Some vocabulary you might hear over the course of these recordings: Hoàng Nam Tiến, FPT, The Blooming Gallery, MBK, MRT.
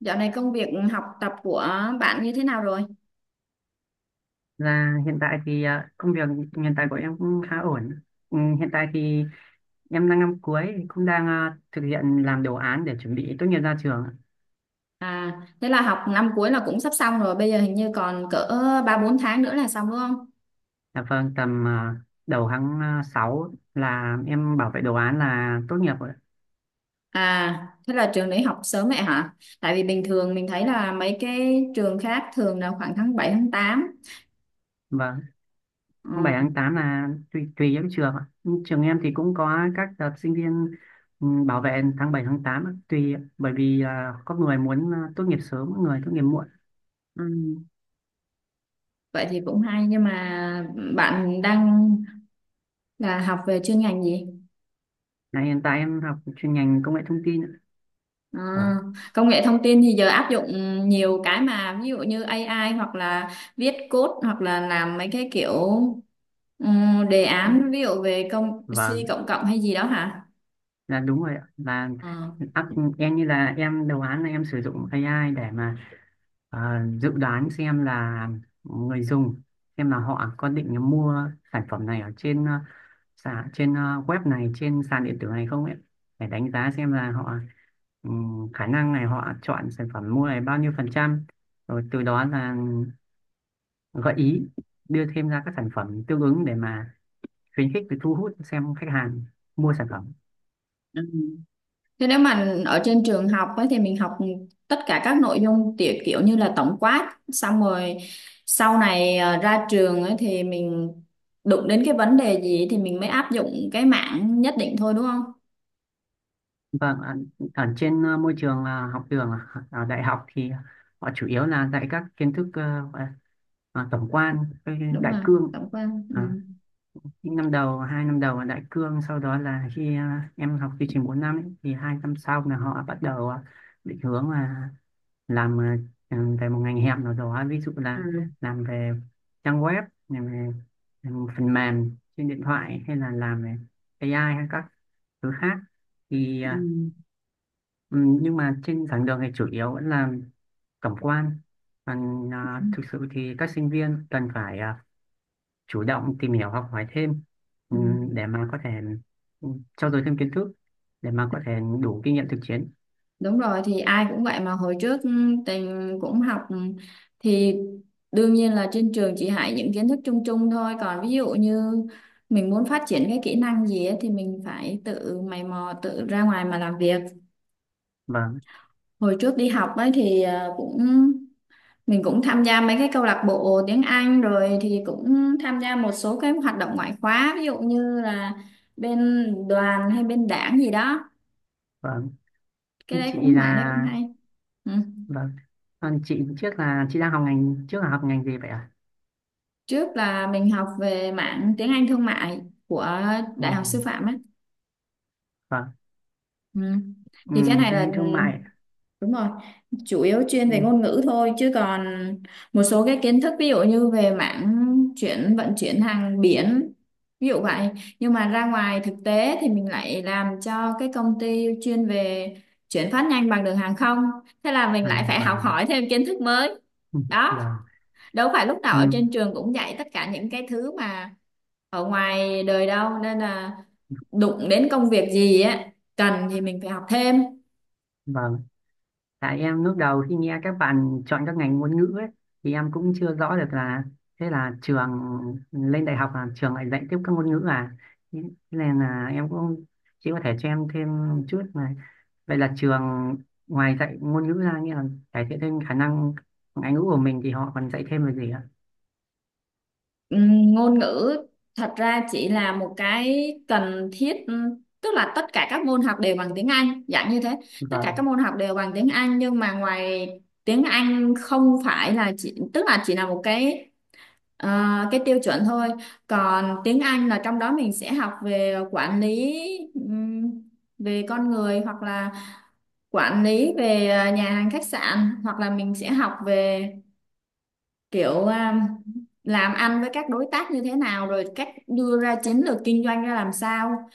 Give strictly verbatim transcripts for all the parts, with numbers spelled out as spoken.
Dạo này công việc học tập của bạn như thế nào rồi? Là hiện tại thì à, công việc hiện tại của em cũng khá ổn. Ừ, hiện tại thì em đang năm cuối cũng đang à, thực hiện làm đồ án để chuẩn bị tốt nghiệp ra trường. À, thế là học năm cuối là cũng sắp xong rồi, bây giờ hình như còn cỡ ba bốn tháng nữa là xong đúng không? Dạ vâng, tầm à, đầu tháng à, sáu là em bảo vệ đồ án là tốt nghiệp rồi. À, thế là trường đấy học sớm vậy hả? Tại vì bình thường mình thấy là mấy cái trường khác thường là khoảng tháng bảy tháng tám. Vâng, tháng bảy Ừ, tháng tám là tùy tùy các trường ạ. Nhưng trường em thì cũng có các đợt sinh viên ừ, bảo vệ tháng bảy tháng tám ạ, tùy ạ, bởi vì à, có người muốn à, tốt nghiệp sớm, có người tốt nghiệp muộn. ừ. Vậy thì cũng hay nhưng mà bạn đang là học về chuyên ngành gì? Là hiện tại em học chuyên ngành công nghệ thông tin ạ. À, Vâng. công nghệ thông tin thì giờ áp dụng nhiều cái mà ví dụ như A I hoặc là viết code hoặc là làm mấy cái kiểu ừm, đề án ví dụ về công Vâng, C cộng cộng hay gì đó hả? là đúng rồi ạ. Là Ờ. áp- em như là em đầu án là em sử dụng a i để mà ờ, dự đoán xem là người dùng xem là họ có định mua sản phẩm này ở trên ờ, sàn trên ờ, web này trên sàn điện tử này không ấy để đánh giá xem là họ ừm, khả năng này họ chọn sản phẩm mua này bao nhiêu phần trăm rồi từ đó là gợi ý đưa thêm ra các sản phẩm tương ứng để mà khuyến khích và thu hút xem khách hàng mua sản phẩm. Ừ. Thế nếu mà ở trên trường học ấy, thì mình học tất cả các nội dung tiểu kiểu như là tổng quát xong rồi sau này ờ, ra trường ấy, thì mình đụng đến cái vấn đề gì thì mình mới áp dụng cái mảng nhất định thôi đúng không? Vâng ạ, ở trên ờ, môi trường ờ, học đường ờ, ở đại học thì họ chủ yếu là dạy các kiến thức ờ, gọi là, ờ, tổng quan, cái Đúng đại rồi, cương. tổng quát. Ờ, Ừ. những năm đầu, hai năm đầu là đại cương, sau đó là khi ờ, em học chương trình bốn năm ấy, thì hai năm sau là họ bắt đầu ờ, định hướng là làm ờ, về một ngành hẹp nào đó, ví dụ là Ừ. làm về trang web, làm về làm phần mềm trên điện thoại hay là làm về a i hay các thứ khác. Thì ờ, Ừ. ừ, nhưng mà trên giảng đường thì chủ yếu vẫn là tổng quan còn Ừ, à, thực sự thì các sinh viên cần phải à, chủ động tìm hiểu học hỏi thêm ừ, để mà có thể ừ, trau dồi thêm kiến thức để mà có thể đủ kinh nghiệm thực chiến. Đúng rồi thì ai cũng vậy mà hồi trước ừ, tình cũng học ừ, thì đương nhiên là trên trường chỉ dạy những kiến thức chung chung thôi, còn ví dụ như mình muốn phát triển cái kỹ năng gì ấy, thì mình phải tự mày mò tự ra ngoài mà làm việc. Vâng, Hồi trước đi học ấy thì ờ, cũng mình cũng tham gia mấy cái câu lạc bộ tiếng Anh rồi thì cũng tham gia một số cái hoạt động ngoại khóa, ví dụ như là bên đoàn hay bên đảng gì đó, vâng. cái đấy chị cũng mảng đấy cũng là hay. Ừ. Vâng, còn chị trước là chị đang học ngành trước là học ngành gì vậy ạ? Trước là mình học về mảng tiếng Anh thương mại của Đại Ồ, học Sư phạm ấy. vâng. Ừ. Ừ, Thì cái này tiếng là Anh thương mại. đúng rồi, chủ yếu chuyên về Ừ, ngôn ngữ thôi chứ còn một số cái kiến thức ví dụ như về mảng chuyển vận chuyển hàng biển ví dụ vậy. Nhưng mà ra ngoài thực tế thì mình lại làm cho cái công ty chuyên về chuyển phát nhanh bằng đường hàng không. Thế là mình lại vâng, phải học vâng, hỏi thêm kiến thức mới. ừ, Đó, vâng, đâu phải lúc nào ừ, ở trên trường cũng dạy tất cả những cái thứ mà ở ngoài đời đâu, nên là đụng đến công việc gì á cần thì mình phải học thêm. vâng. Tại em lúc đầu khi nghe các bạn chọn các ngành ngôn ngữ ấy, thì em cũng chưa rõ được là thế là trường lên đại học là trường lại dạy tiếp các ngôn ngữ à. Thế nên là em cũng chỉ có thể cho em thêm chút mà. Vậy là trường ngoài dạy ngôn ngữ ra nghĩa là cải thiện thêm khả năng ngoại ngữ của mình thì họ còn dạy thêm về gì ạ? Ừm, ngôn ngữ thật ra chỉ là một cái cần thiết, ừm, tức là tất cả các môn học đều bằng tiếng Anh dạng như thế, tất cả các Vâng, môn học đều bằng tiếng Anh, nhưng mà ngoài tiếng Anh không phải là chỉ tức là chỉ là một cái ờ, cái tiêu chuẩn thôi. Còn tiếng Anh là trong đó mình sẽ học về quản lý, ừm, về con người, hoặc là quản lý về à, nhà hàng khách sạn, hoặc là mình sẽ học về kiểu à, làm ăn với các đối tác như thế nào, rồi cách đưa ra chiến lược kinh doanh ra làm sao.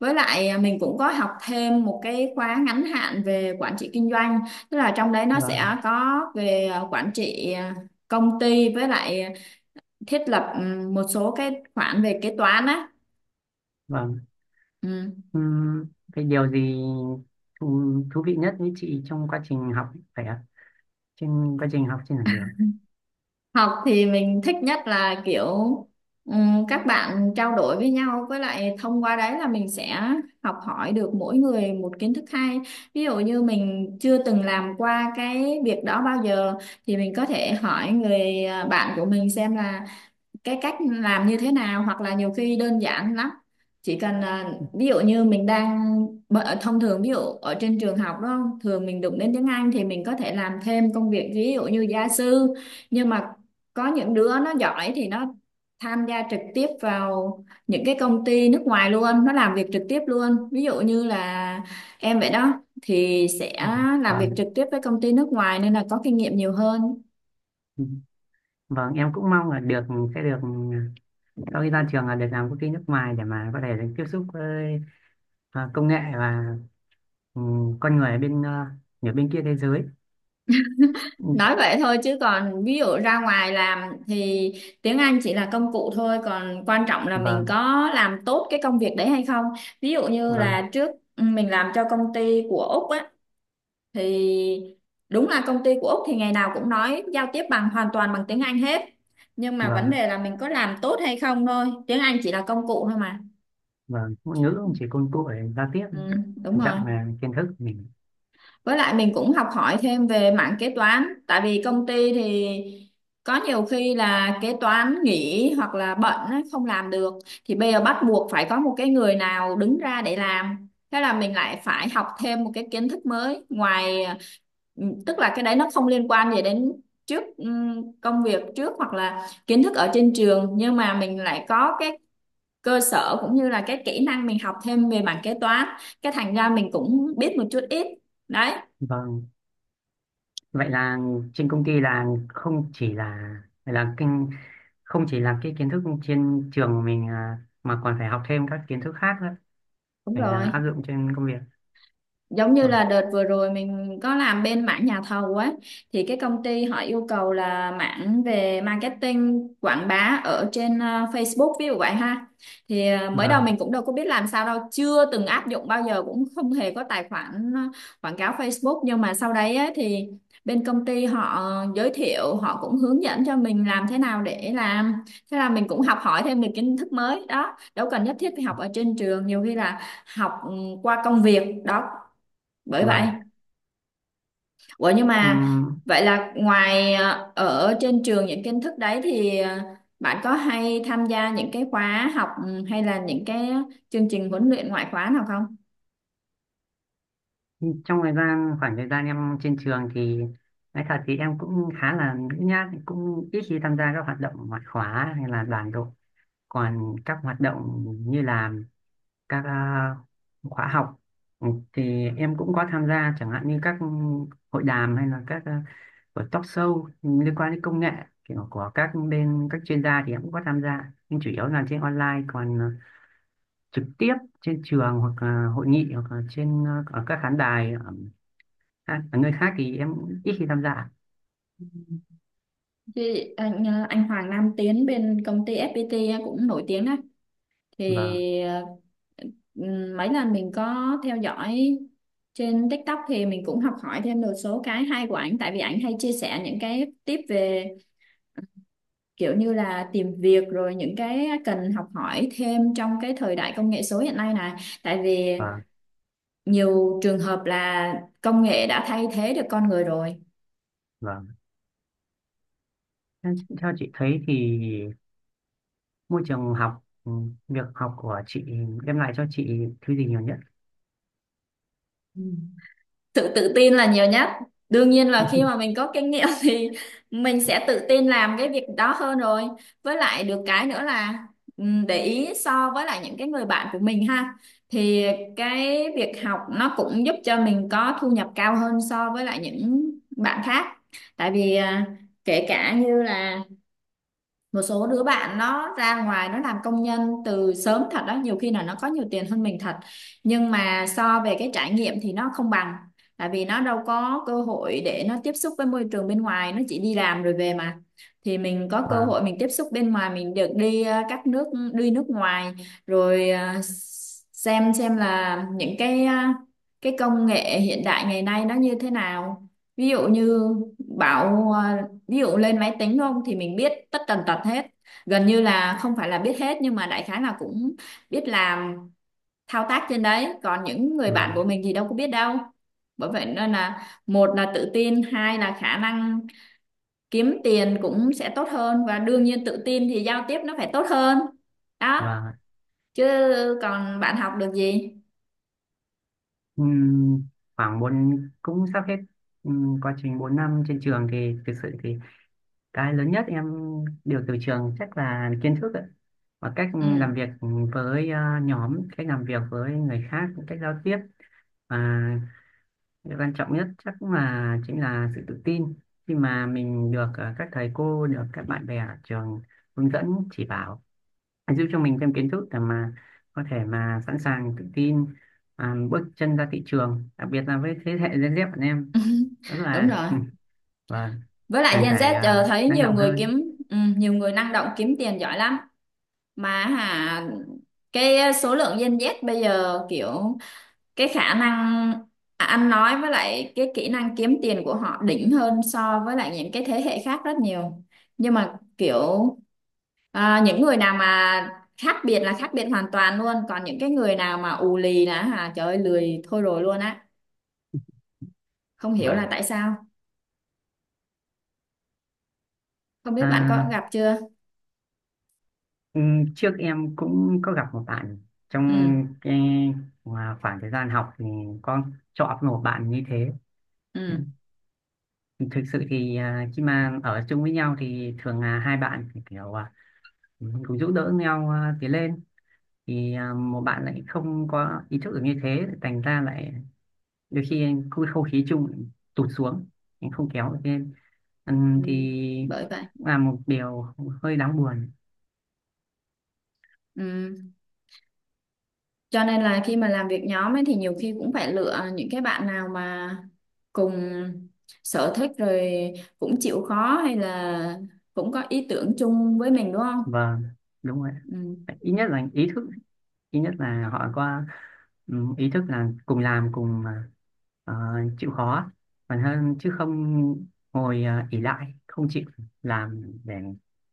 Với lại à, mình cũng có học thêm một cái khóa ngắn hạn về quản trị kinh doanh, tức là trong đấy nó vâng, sẽ có về à, quản trị à, công ty, với lại thiết lập ừ, một số cái khoản về kế toán á. vâng. Ừ. Ừm, cái điều gì thú, thú vị nhất với chị trong quá trình học phải ạ? Trên quá trình học trên giảng đường. Học thì mình thích nhất là kiểu ừm, các bạn trao đổi với nhau, với lại thông qua đấy là mình sẽ học hỏi được mỗi người một kiến thức hay. Ví dụ như mình chưa từng làm qua cái việc đó bao giờ thì mình có thể hỏi người à, bạn của mình xem là cái cách làm như thế nào, hoặc là nhiều khi đơn giản lắm, chỉ cần à, ví dụ như mình đang bợ- thông thường ví dụ ở trên trường học đó thường mình đụng đến tiếng Anh thì mình có thể làm thêm công việc ví dụ như gia sư, nhưng mà có những đứa nó giỏi thì nó tham gia trực tiếp vào những cái công ty nước ngoài luôn, nó làm việc trực tiếp luôn, ví dụ như là em vậy đó thì sẽ Ừm. làm việc Vâng. trực tiếp với công ty nước ngoài nên là có kinh nghiệm nhiều hơn. Vâng, em cũng mong là được sẽ được sau khi ra trường là được làm công ty nước ngoài để mà có thể được tiếp xúc với à, công nghệ và ừ, con người ở bên à, ở bên kia thế giới. Ừ, Nói vậy thôi chứ còn ví dụ ra ngoài làm thì tiếng Anh chỉ là công cụ thôi, còn quan trọng là mình vâng, có làm tốt cái công việc đấy hay không. Ví dụ như vâng, là trước mình làm cho công ty của Úc á, thì đúng là công ty của Úc thì ngày nào cũng nói giao tiếp bằng hoàn toàn bằng tiếng Anh hết. Nhưng mà vâng vấn ạ, đề là mình có làm tốt hay không thôi. Tiếng Anh chỉ là công cụ thôi mà. vâng. Ngôn ngữ cũng chỉ công cụ để giao tiếp, Ừ, đúng quan rồi. trọng là kiến thức của mình. Với lại mình cũng học hỏi thêm về mảng kế toán, tại vì công ty thì có nhiều khi là kế toán nghỉ hoặc là bận á, không làm được, thì bây giờ bắt buộc phải có một cái người nào đứng ra để làm. Thế là mình lại phải học thêm một cái kiến thức mới ngoài ừ, tức là cái đấy nó không liên quan gì đến trước, ừm, công việc trước hoặc là kiến thức ở trên trường, nhưng mà mình lại có cái cơ sở cũng như là cái kỹ năng mình học thêm về mảng kế toán, cái thành ra mình cũng biết một chút ít, đấy. Vâng. Vậy là trên công ty là không chỉ là là kinh không chỉ là cái kiến thức trên trường của mình à, mà còn phải học thêm các kiến thức khác nữa Đúng để rồi, là áp dụng trên công việc. giống như là Vâng, đợt vừa rồi mình có làm bên mảng nhà thầu ấy, thì cái công ty họ yêu cầu là mảng về marketing quảng bá ở trên ờ, Facebook ví dụ vậy ha. Thì ờ, mới đầu vâng, mình cũng đâu có biết làm sao đâu, chưa từng áp dụng bao giờ, cũng không hề có tài khoản ờ, quảng cáo Facebook, nhưng mà sau đấy ấy, thì bên công ty họ giới thiệu, họ cũng hướng dẫn cho mình làm thế nào để làm. Thế là mình cũng học hỏi thêm được kiến thức mới đó, đâu cần nhất thiết phải học ở trên trường, nhiều khi là học ừ, qua công việc đó, bởi vậy. vâng. Ủa nhưng mà Ừm, vậy là ngoài ờ, ở trên trường những kiến thức đấy thì ờ, bạn có hay tham gia những cái khóa học ừ, hay là những cái chương trình huấn luyện ngoại khóa nào không? trong thời gian khoảng thời gian em trên trường thì nói thật thì em cũng khá là nhút nhát cũng ít khi tham gia các hoạt động ngoại khóa hay là đoàn đội, còn các hoạt động như là các à, khóa học ừ, thì em cũng có tham gia chẳng hạn như các hội đàm hay là các à, và talk show liên quan đến công nghệ, kiểu có các bên các chuyên gia thì em cũng có tham gia nhưng chủ yếu là trên online, còn ờ, trực tiếp trên trường hoặc là hội nghị hoặc là trên ờ, ở các khán đài ở, khác- ở nơi khác thì em cũng ít khi tham gia. Chứ anh ờ, anh Hoàng Nam Tiến bên công ty ép pi ti á, cũng nổi tiếng á, và thì ờ, ừ, mấy lần mình có theo dõi trên TikTok thì mình cũng học hỏi thêm được số cái hay của ảnh, tại vì ảnh hay chia sẻ những cái tip về kiểu như là tìm việc rồi những cái cần học hỏi thêm trong cái thời đại công nghệ số hiện nay này, tại vì và nhiều trường hợp là công nghệ đã thay thế được con người rồi. và theo chị thấy thì môi trường học ừ, việc học của chị đem lại cho chị thứ gì nhiều nhất? Ừ. Sự tự tin là nhiều nhất, đương nhiên là khi mà mình có kinh nghiệm thì mình sẽ tự tin làm cái việc đó hơn rồi. Với lại được cái nữa là ừm, để ý so với lại những cái người bạn của mình ha, thì cái việc học nó cũng giúp cho mình có thu nhập cao hơn so với lại những bạn khác, tại vì à, kể cả như là một số đứa bạn nó ra ngoài nó làm công nhân từ sớm thật đó, nhiều khi là nó có nhiều tiền hơn mình thật, nhưng mà so về cái trải nghiệm thì nó không bằng, tại vì nó đâu có cơ hội để nó tiếp xúc với môi trường bên ngoài, nó chỉ đi làm rồi về mà. Thì mình có cơ và hội mình tiếp xúc bên ngoài, mình được đi ờ, các nước, đi nước ngoài, rồi ờ, xem xem là những cái ờ, cái công nghệ hiện đại ngày nay nó như thế nào. Ví dụ như bảo ờ, ví dụ lên máy tính không thì mình biết tất tần tật hết, gần như là không phải là biết hết nhưng mà đại khái là cũng biết làm thao tác trên đấy, còn những người và bạn của mình thì đâu có biết đâu. Bởi vậy nên là một là tự tin, hai là khả năng kiếm tiền cũng sẽ tốt hơn, và đương nhiên tự tin thì giao tiếp nó phải tốt hơn, đó. và Chứ còn bạn học được gì? Ừm, khoảng bốn cũng sắp hết. Ừm, quá trình bốn năm trên trường thì thực sự thì cái lớn nhất em được từ trường chắc là kiến thức ạ, và cách Ừ. làm việc với ờ, nhóm, cách làm việc với người khác, cách giao tiếp và điều quan trọng nhất chắc cũng là chính là sự tự tin khi mà mình được ờ, các thầy cô được các bạn bè ở trường hướng dẫn chỉ bảo giúp cho mình thêm kiến thức để mà có thể mà sẵn sàng tự tin à, bước chân ra thị trường, đặc biệt là với thế hệ Gen Z bọn em rất Đúng là rồi, ừ, vâng với lại cần Gen phải Z giờ à, thấy năng nhiều động người hơn. kiếm ừ, nhiều người năng động kiếm tiền giỏi lắm mà hả. Cái ờ, số lượng Gen Z bây giờ kiểu cái khả năng à, ăn nói với lại cái kỹ năng kiếm tiền của họ đỉnh hơn so với lại những cái thế hệ khác rất nhiều, nhưng mà kiểu à, những người nào mà khác biệt là khác biệt hoàn toàn luôn, còn những cái người nào mà ù lì là hả trời ơi lười thôi rồi luôn á, không hiểu là Vâng. tại sao. Không biết bạn có À, gặp chưa? ừ, trước em cũng có gặp một bạn ừ trong cái mà khoảng thời gian học thì có chọn một bạn như thế. ừ Ừ, thực sự thì à, khi mà ở chung với nhau thì thường là hai bạn thì kiểu à, cùng giúp đỡ nhau à, tiến lên, thì à, một bạn lại không có ý thức được như thế thành ra lại đôi khi cái không khí chung lại tụt xuống, anh không kéo được lên. Ừm, Ừ. thì Bởi vậy. là một điều hơi đáng buồn. Ừ. Cho nên là khi mà làm việc nhóm ấy thì nhiều khi cũng phải lựa những cái bạn nào mà cùng sở thích rồi, cũng chịu khó, hay là cũng có ý tưởng chung với mình đúng không? Vâng, đúng rồi. Ừ, Ít nhất là ý thức, ít nhất là họ có ừm, ý thức là cùng làm cùng à, ờ, chịu khó, còn hơn chứ không ngồi à, ỷ lại không chịu làm để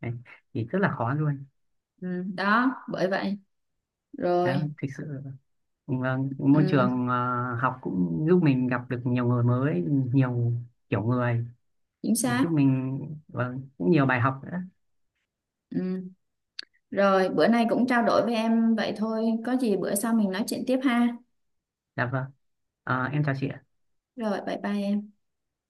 đấy, thì rất là khó luôn. ừ, đó, bởi vậy. Rồi, Đó, thực sự. Vâng, môi ừ, trường à, học cũng giúp mình gặp được nhiều người mới, nhiều kiểu người, chính xác. giúp mình, vâng, cũng nhiều bài học nữa. Ừ. Rồi, bữa nay cũng trao đổi với em vậy thôi. Có gì bữa sau mình nói chuyện tiếp ha. Dạ vâng. À, em chào chị ạ. Rồi, bye bye em.